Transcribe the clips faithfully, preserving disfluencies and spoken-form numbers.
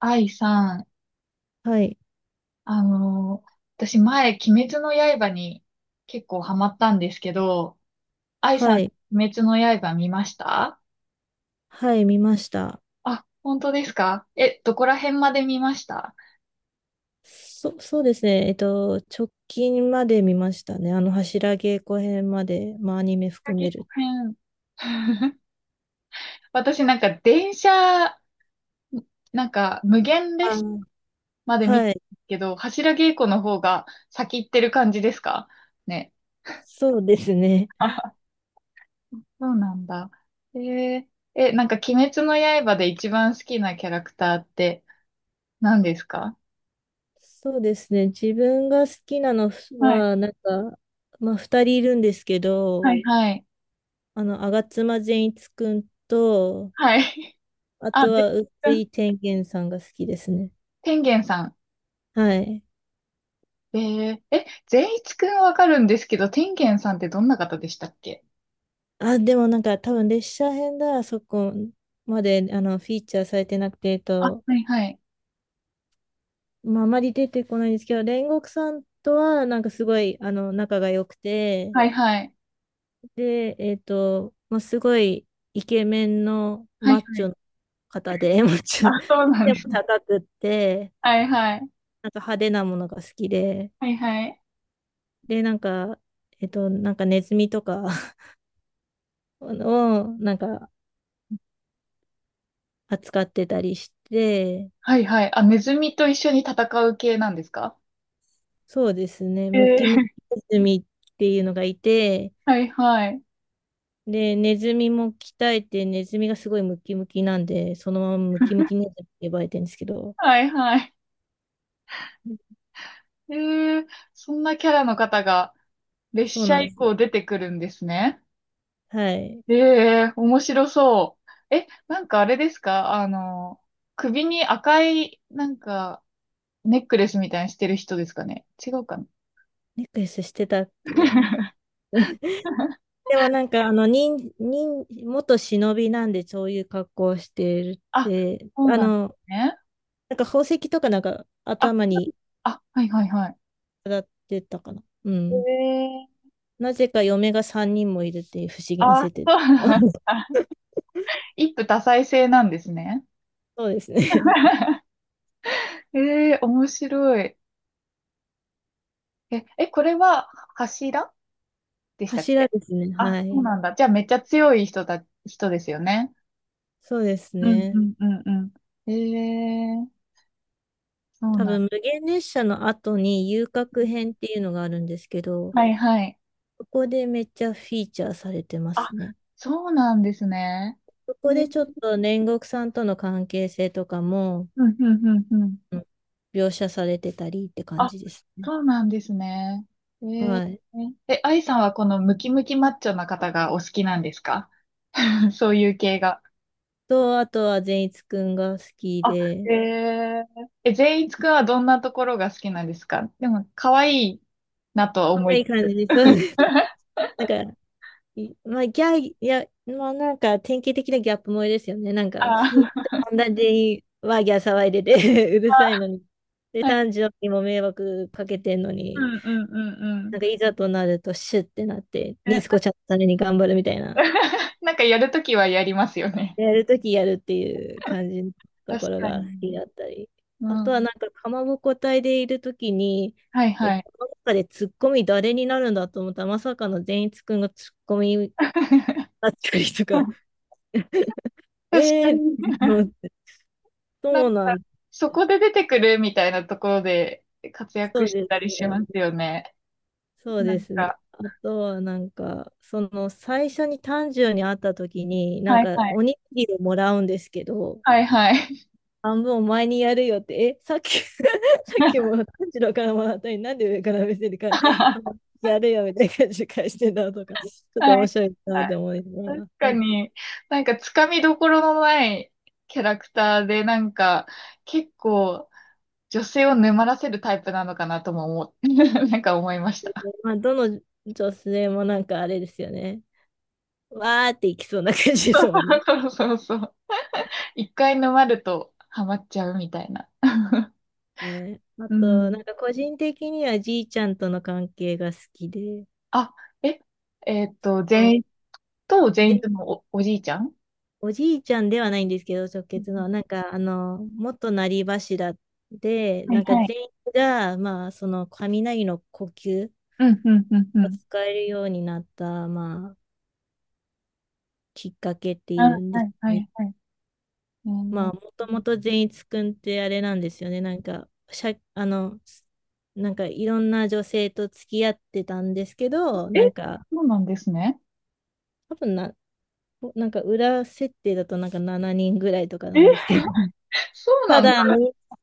愛さん、はい、あのー私前、鬼滅の刃に結構ハマったんですけど、愛さはん、い、鬼滅の刃見ました？はい、見ました。あ、本当ですか？え、どこら辺まで見ました？そ、そうですね。えっと、直近まで見ましたね。あの、柱稽古編まで、まあ、アニメ含先める。編。私なんか電車、なんか無限あ列車ー、まで見たはんい、ですけど、柱稽古の方が先行ってる感じですかね。そうですね。そうなんだ。えーえ、なんか鬼滅の刃で一番好きなキャラクターって何ですか？そうですね。自分が好きなのはい、は、なんか、まあ、二人いるんですけははど、い、い。はい、あの、吾妻善一くんと、はい。ああ、とべ、は、宇津井天元さんが好きですね。天元さん。はい。えー、え、善一くんわかるんですけど、天元さんってどんな方でしたっけ？あ、でもなんか多分列車編だ、そこまであのフィーチャーされてなくて、えっあ、と、はい、はい、まあ、あまり出てこないんですけど、煉獄さんとはなんかすごいあの仲が良くて、はい、はい、で、えっと、まあ、すごいイケメンのはい、マッはチい。ョの方で、マッチあ、ョ、そうなんででもす。高くって、はい、はい、なんか派手なものが好きで、はい、はい。で、なんか、えっと、なんかネズミとか をなんか扱ってたりして、はい、はい。あ、ネズミと一緒に戦う系なんですか？そうですね。えムキムー、キネズミっていうのがいて、はい、はい、で、ネズミも鍛えて、ネズミがすごいムキムキなんで、そのままムキムキネズミって呼ばれてるんですけど、はい、はい。えー、そんなキャラの方が列そう車なんで以す降よ。出てくるんですね。はい。ええ面白そう。え、なんかあれですか？あの、首に赤い、なんか、ネックレスみたいにしてる人ですかね？違うかな？ ネックレスしてたっけ？ でもなんか、あの、忍、忍、元忍びなんで、そういう格好をしてるっあ、て、そうあなんでの、すね。なんか宝石とかなんかあ、頭にあ、はいはいはい。当たってたかな。うん。ええなぜか嫁がさんにんもいるっていう不思議なあ、設定。そうなん だ。一夫多妻制なんですね。そうですね。ええ面白い。え、え、これは柱でしたっ柱け？ですね。あ、はそうい。なんだ。じゃあめっちゃ強い人だ、人ですよね。そうですうんうね。んうんうん。ええそう多なん。分、無限列車の後に遊郭編っていうのがあるんですけど、はいはい。そこでめっちゃフィーチャーされてまあ、すね。そうなんですね。そえこー、でちょっと煉獄さんとの関係性とかも、うんうんうんうん。うん、描写されてたりって感あ、じですね。そうなんですね。えー、はい。え、愛さんはこのムキムキマッチョな方がお好きなんですか？ そういう系が。と、あとは善逸くんが好きあ、えで、ー、え、善逸くんはどんなところが好きなんですか？でも、可愛いなとは可思愛い。い感じで、そうです。なんか、いまあ、ギャいや、まあなんか典型的なギャップ萌えですよね。なんか、あふ、ー、っんなにワーギャー騒いでて うるさいのに。で、はい。炭治郎にも迷惑かけてんのうに、んうんうんうん。なんかいざとなるとシュッてなって、ネズコちゃんのために頑張るみたいな。なんかやるときはやりますよね。やるときやるっていう感じのと確ころかが好に。きだったり。あうとはん。なんか、かまぼこ隊でいるときに、はいえ、はこい。の中でツッコミ誰になるんだと思ったら、まさかの善逸くんがツッコミ 確だったりとか。えかえに。ー、思って、なそんうなか、ん、そこで出てくるみたいなところで活躍そうしでてたすりしますよ。よね。そうなでんすね。か、あとはなんか、その最初に炭治郎に会った時に、なんはいかはい。おにぎりをもらうんですけど、はいはい。半分お前にやるよって、え、さっき さっき も炭治郎からもらったのに、なんで上から見せるか、あの は やるよみたいな感じで返してたとか、ちい。ょっとは面い白いなって思いなが確ら。かはい、に、なんかつかみどころのないキャラクターで、なんか結構女性を沼らせるタイプなのかなとも思っ、なんか思いました。まあ、どの女性もなんかあれですよね。わーっていきそうな感じですもんね。そうそうそう。一回沼るとハマっちゃうみたいな。ね。あうと、なん。んか個人的にはじいちゃんとの関係が好きで、あ、え、えーっと、う善ん、逸と善で、逸のお、おじいちゃん。おじいちゃんではないんですけど、直結の、なんか、あの、元成柱で、はいなんかはい。全員が、まあ、その雷の呼吸うん、うん、うん、うをん。使えるようになった、まあ、きっかけってあ、いはうんですい、はね。い、はい。えまあ、ーもともと善逸くんってあれなんですよね。なんか、しゃ、あの、なんかいろんな女性と付き合ってたんですけど、え、なんか、そうなんですね。多分な、おなんか裏設定だとなんかななにんぐらいとかなんえ、ですけど、そうなたんだだ。み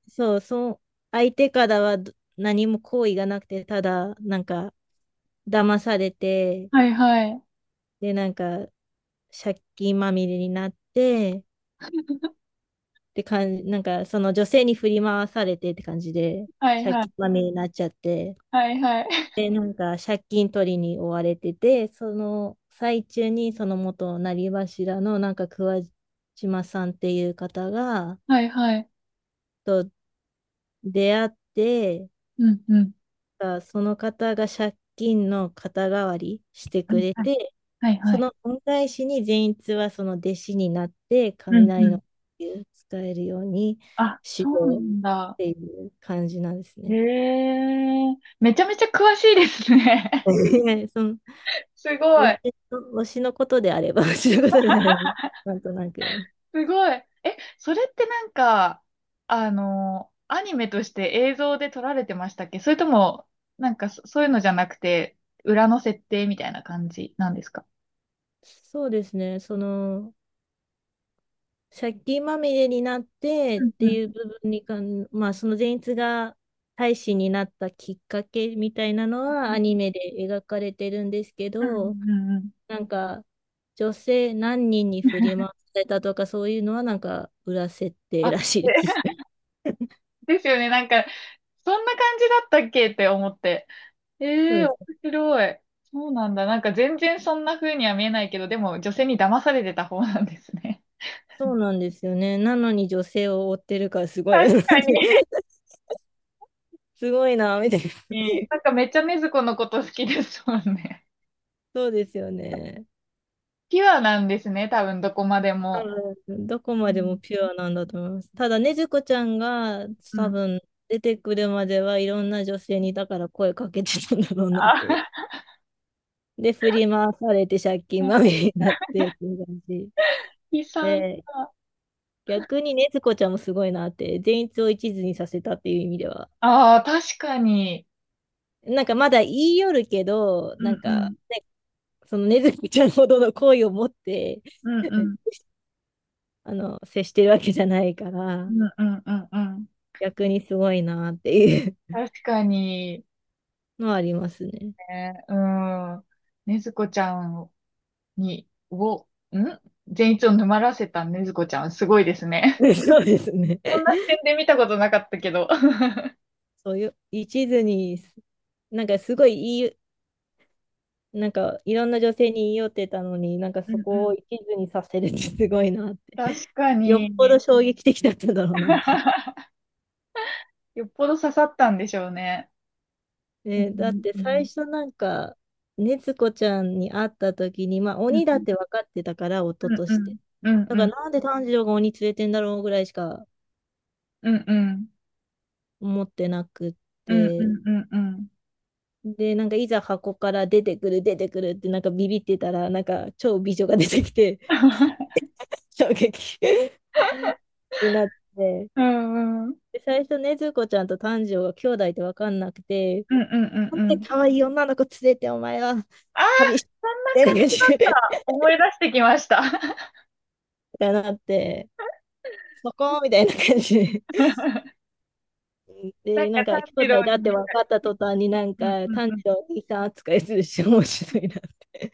そう、そう、相手からはど何も好意がなくて、ただなんか騙されて、はいはい。で、なんか借金まみれになって、って感じ、なんかその女性に振り回されてって感じで、はい借は金い。まみれになっちゃって、はいはい。で、なんか借金取りに追われてて、その最中にその元なりわしらのなんか桑島さんっていう方がはいはい。と出会って、うん、うん。あ、その方が借金の肩代わりしてはくいれはい。て、はいはそい。の恩返しに善逸はその弟子になって、うん、雷うのん。呼吸を使えるようにあ、修そうな行っんだ。ていう感じなんですへね。え。めちゃめちゃ詳しいです ね。はい、その、すご推い。しの、推しのことであれば、推しのことであれば、なんとなく。すごい。え、それってなんか、あの、アニメとして映像で撮られてましたっけ？それとも、なんかそ、そういうのじゃなくて、裏の設定みたいな感じなんですか？そうですね、その、借金まみれになってっうんうていうん。部分にかん、まあ、その善逸が大使になったきっかけみたいなのはアニメで描かれてるんですけうんど、うんうん。なんか女性何人に振り回されたとかそういうのはなんか裏設定あ、らしいです。でですよね。なんか、そんな感じだったっけって思って。そうええ面です。白い。そうなんだ。なんか全然そんな風には見えないけど、でも女性に騙されてた方なんですね。そうなんですよね。なのに女性を追ってるからすごい確よなって かに。すごいな、みたい な。ええなんかめっちゃ禰豆子のこと好きですもんね。そうですよね。ピュアなんですね、多分どこまで多も。分どこうまでもん。ピュアなんだと思います。ただ、ねずこちゃんがう多ん。分出てくるまではいろんな女性にだから声かけてたんだろうなっていう。あ、で、振り回されて借金まみ れになってっていう感じ。木さんで、は、逆にねずこちゃんもすごいなって、善逸を一途にさせたっていう意味では。ああ、確かに。なんかまだ言い寄るけど、うなんんうかん。そのねずこちゃんほどの恋を持って うんう ん。あの接してるわけじゃないかうら、んうんうんうん。逆にすごいなっていう確かに、のはありますね。ね、うん。ねずこちゃんに、を、ん善逸を沼らせたねずこちゃん、すごいですね。で、そうですね。そんな視点で見たことなかったけど。そういう、一途に、すなんかすごいいい、なんかいろんな女性に言い寄ってたのに、なんかうそんうこをん。一途にさせるってすごいなって。確 かよっぽに。ど衝撃的だったんだろうなっていう。よっぽど刺さったんでしょうね。うんね、だってうんう最ん初なんか、ねつこちゃんに会った時に、まあうん鬼だっうて分かってたから、夫んとうして。んうだんうからんなんで炭治郎が鬼連れてんだろうぐらいしかうんうん。思ってなくっうんうて。んうんうん。で、なんかいざ箱から出てくる、出てくるってなんかビビってたら、なんか超美女が出てきて、衝撃 になって、うんうん。うんで、最初ね、ずこちゃんと炭治郎が兄弟って分かんなくて、うんうなんんうでん。可愛い女の子連れてお前はああ、旅しそんなて感る感じだっじった思い出してきました。てなって、そこみたいな感じなで。んかで、なんか、兄炭治弟郎だってに、分かった途端になんうんか、うん炭うん。治郎お兄さん扱いするし、面白いなって。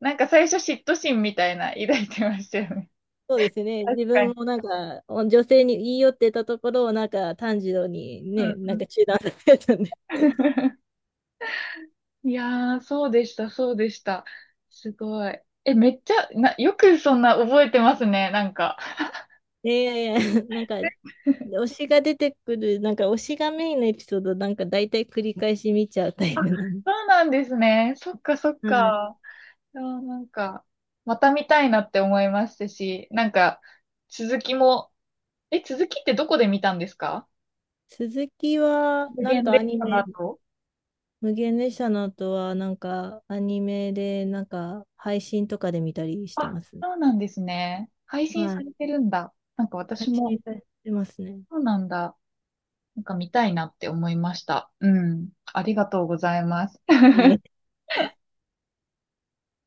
なんか最初嫉妬心みたいな抱いてましたよね。そうですね、確自か分に。もなんか、女性に言い寄ってたところを、なんか、炭治郎にうね、んなうんん。か中断されたんで。いやー、そうでした、そうでした。すごい。え、めっちゃ、な、よくそんな覚えてますね、なんか。いやいやいや、なんかで推しが出てくる、なんか推しがメインのエピソード、なんか大体繰り返し見ちゃうタイプなの。そうなんですね。そっかそっはい。か。いなんか、また見たいなって思いましたし、なんか、続きも、え、続きってどこで見たんですか？鈴木は、無なん限かア列ニ車のメ、後。無限列車の後は、なんかアニメで、なんか配信とかで見たりしてあ、ます。そうなんですね。配信はさい。れてるんだ。なんか配私も、信されてますね。そうなんだ。なんか見たいなって思いました。うん。ありがとうございます。いい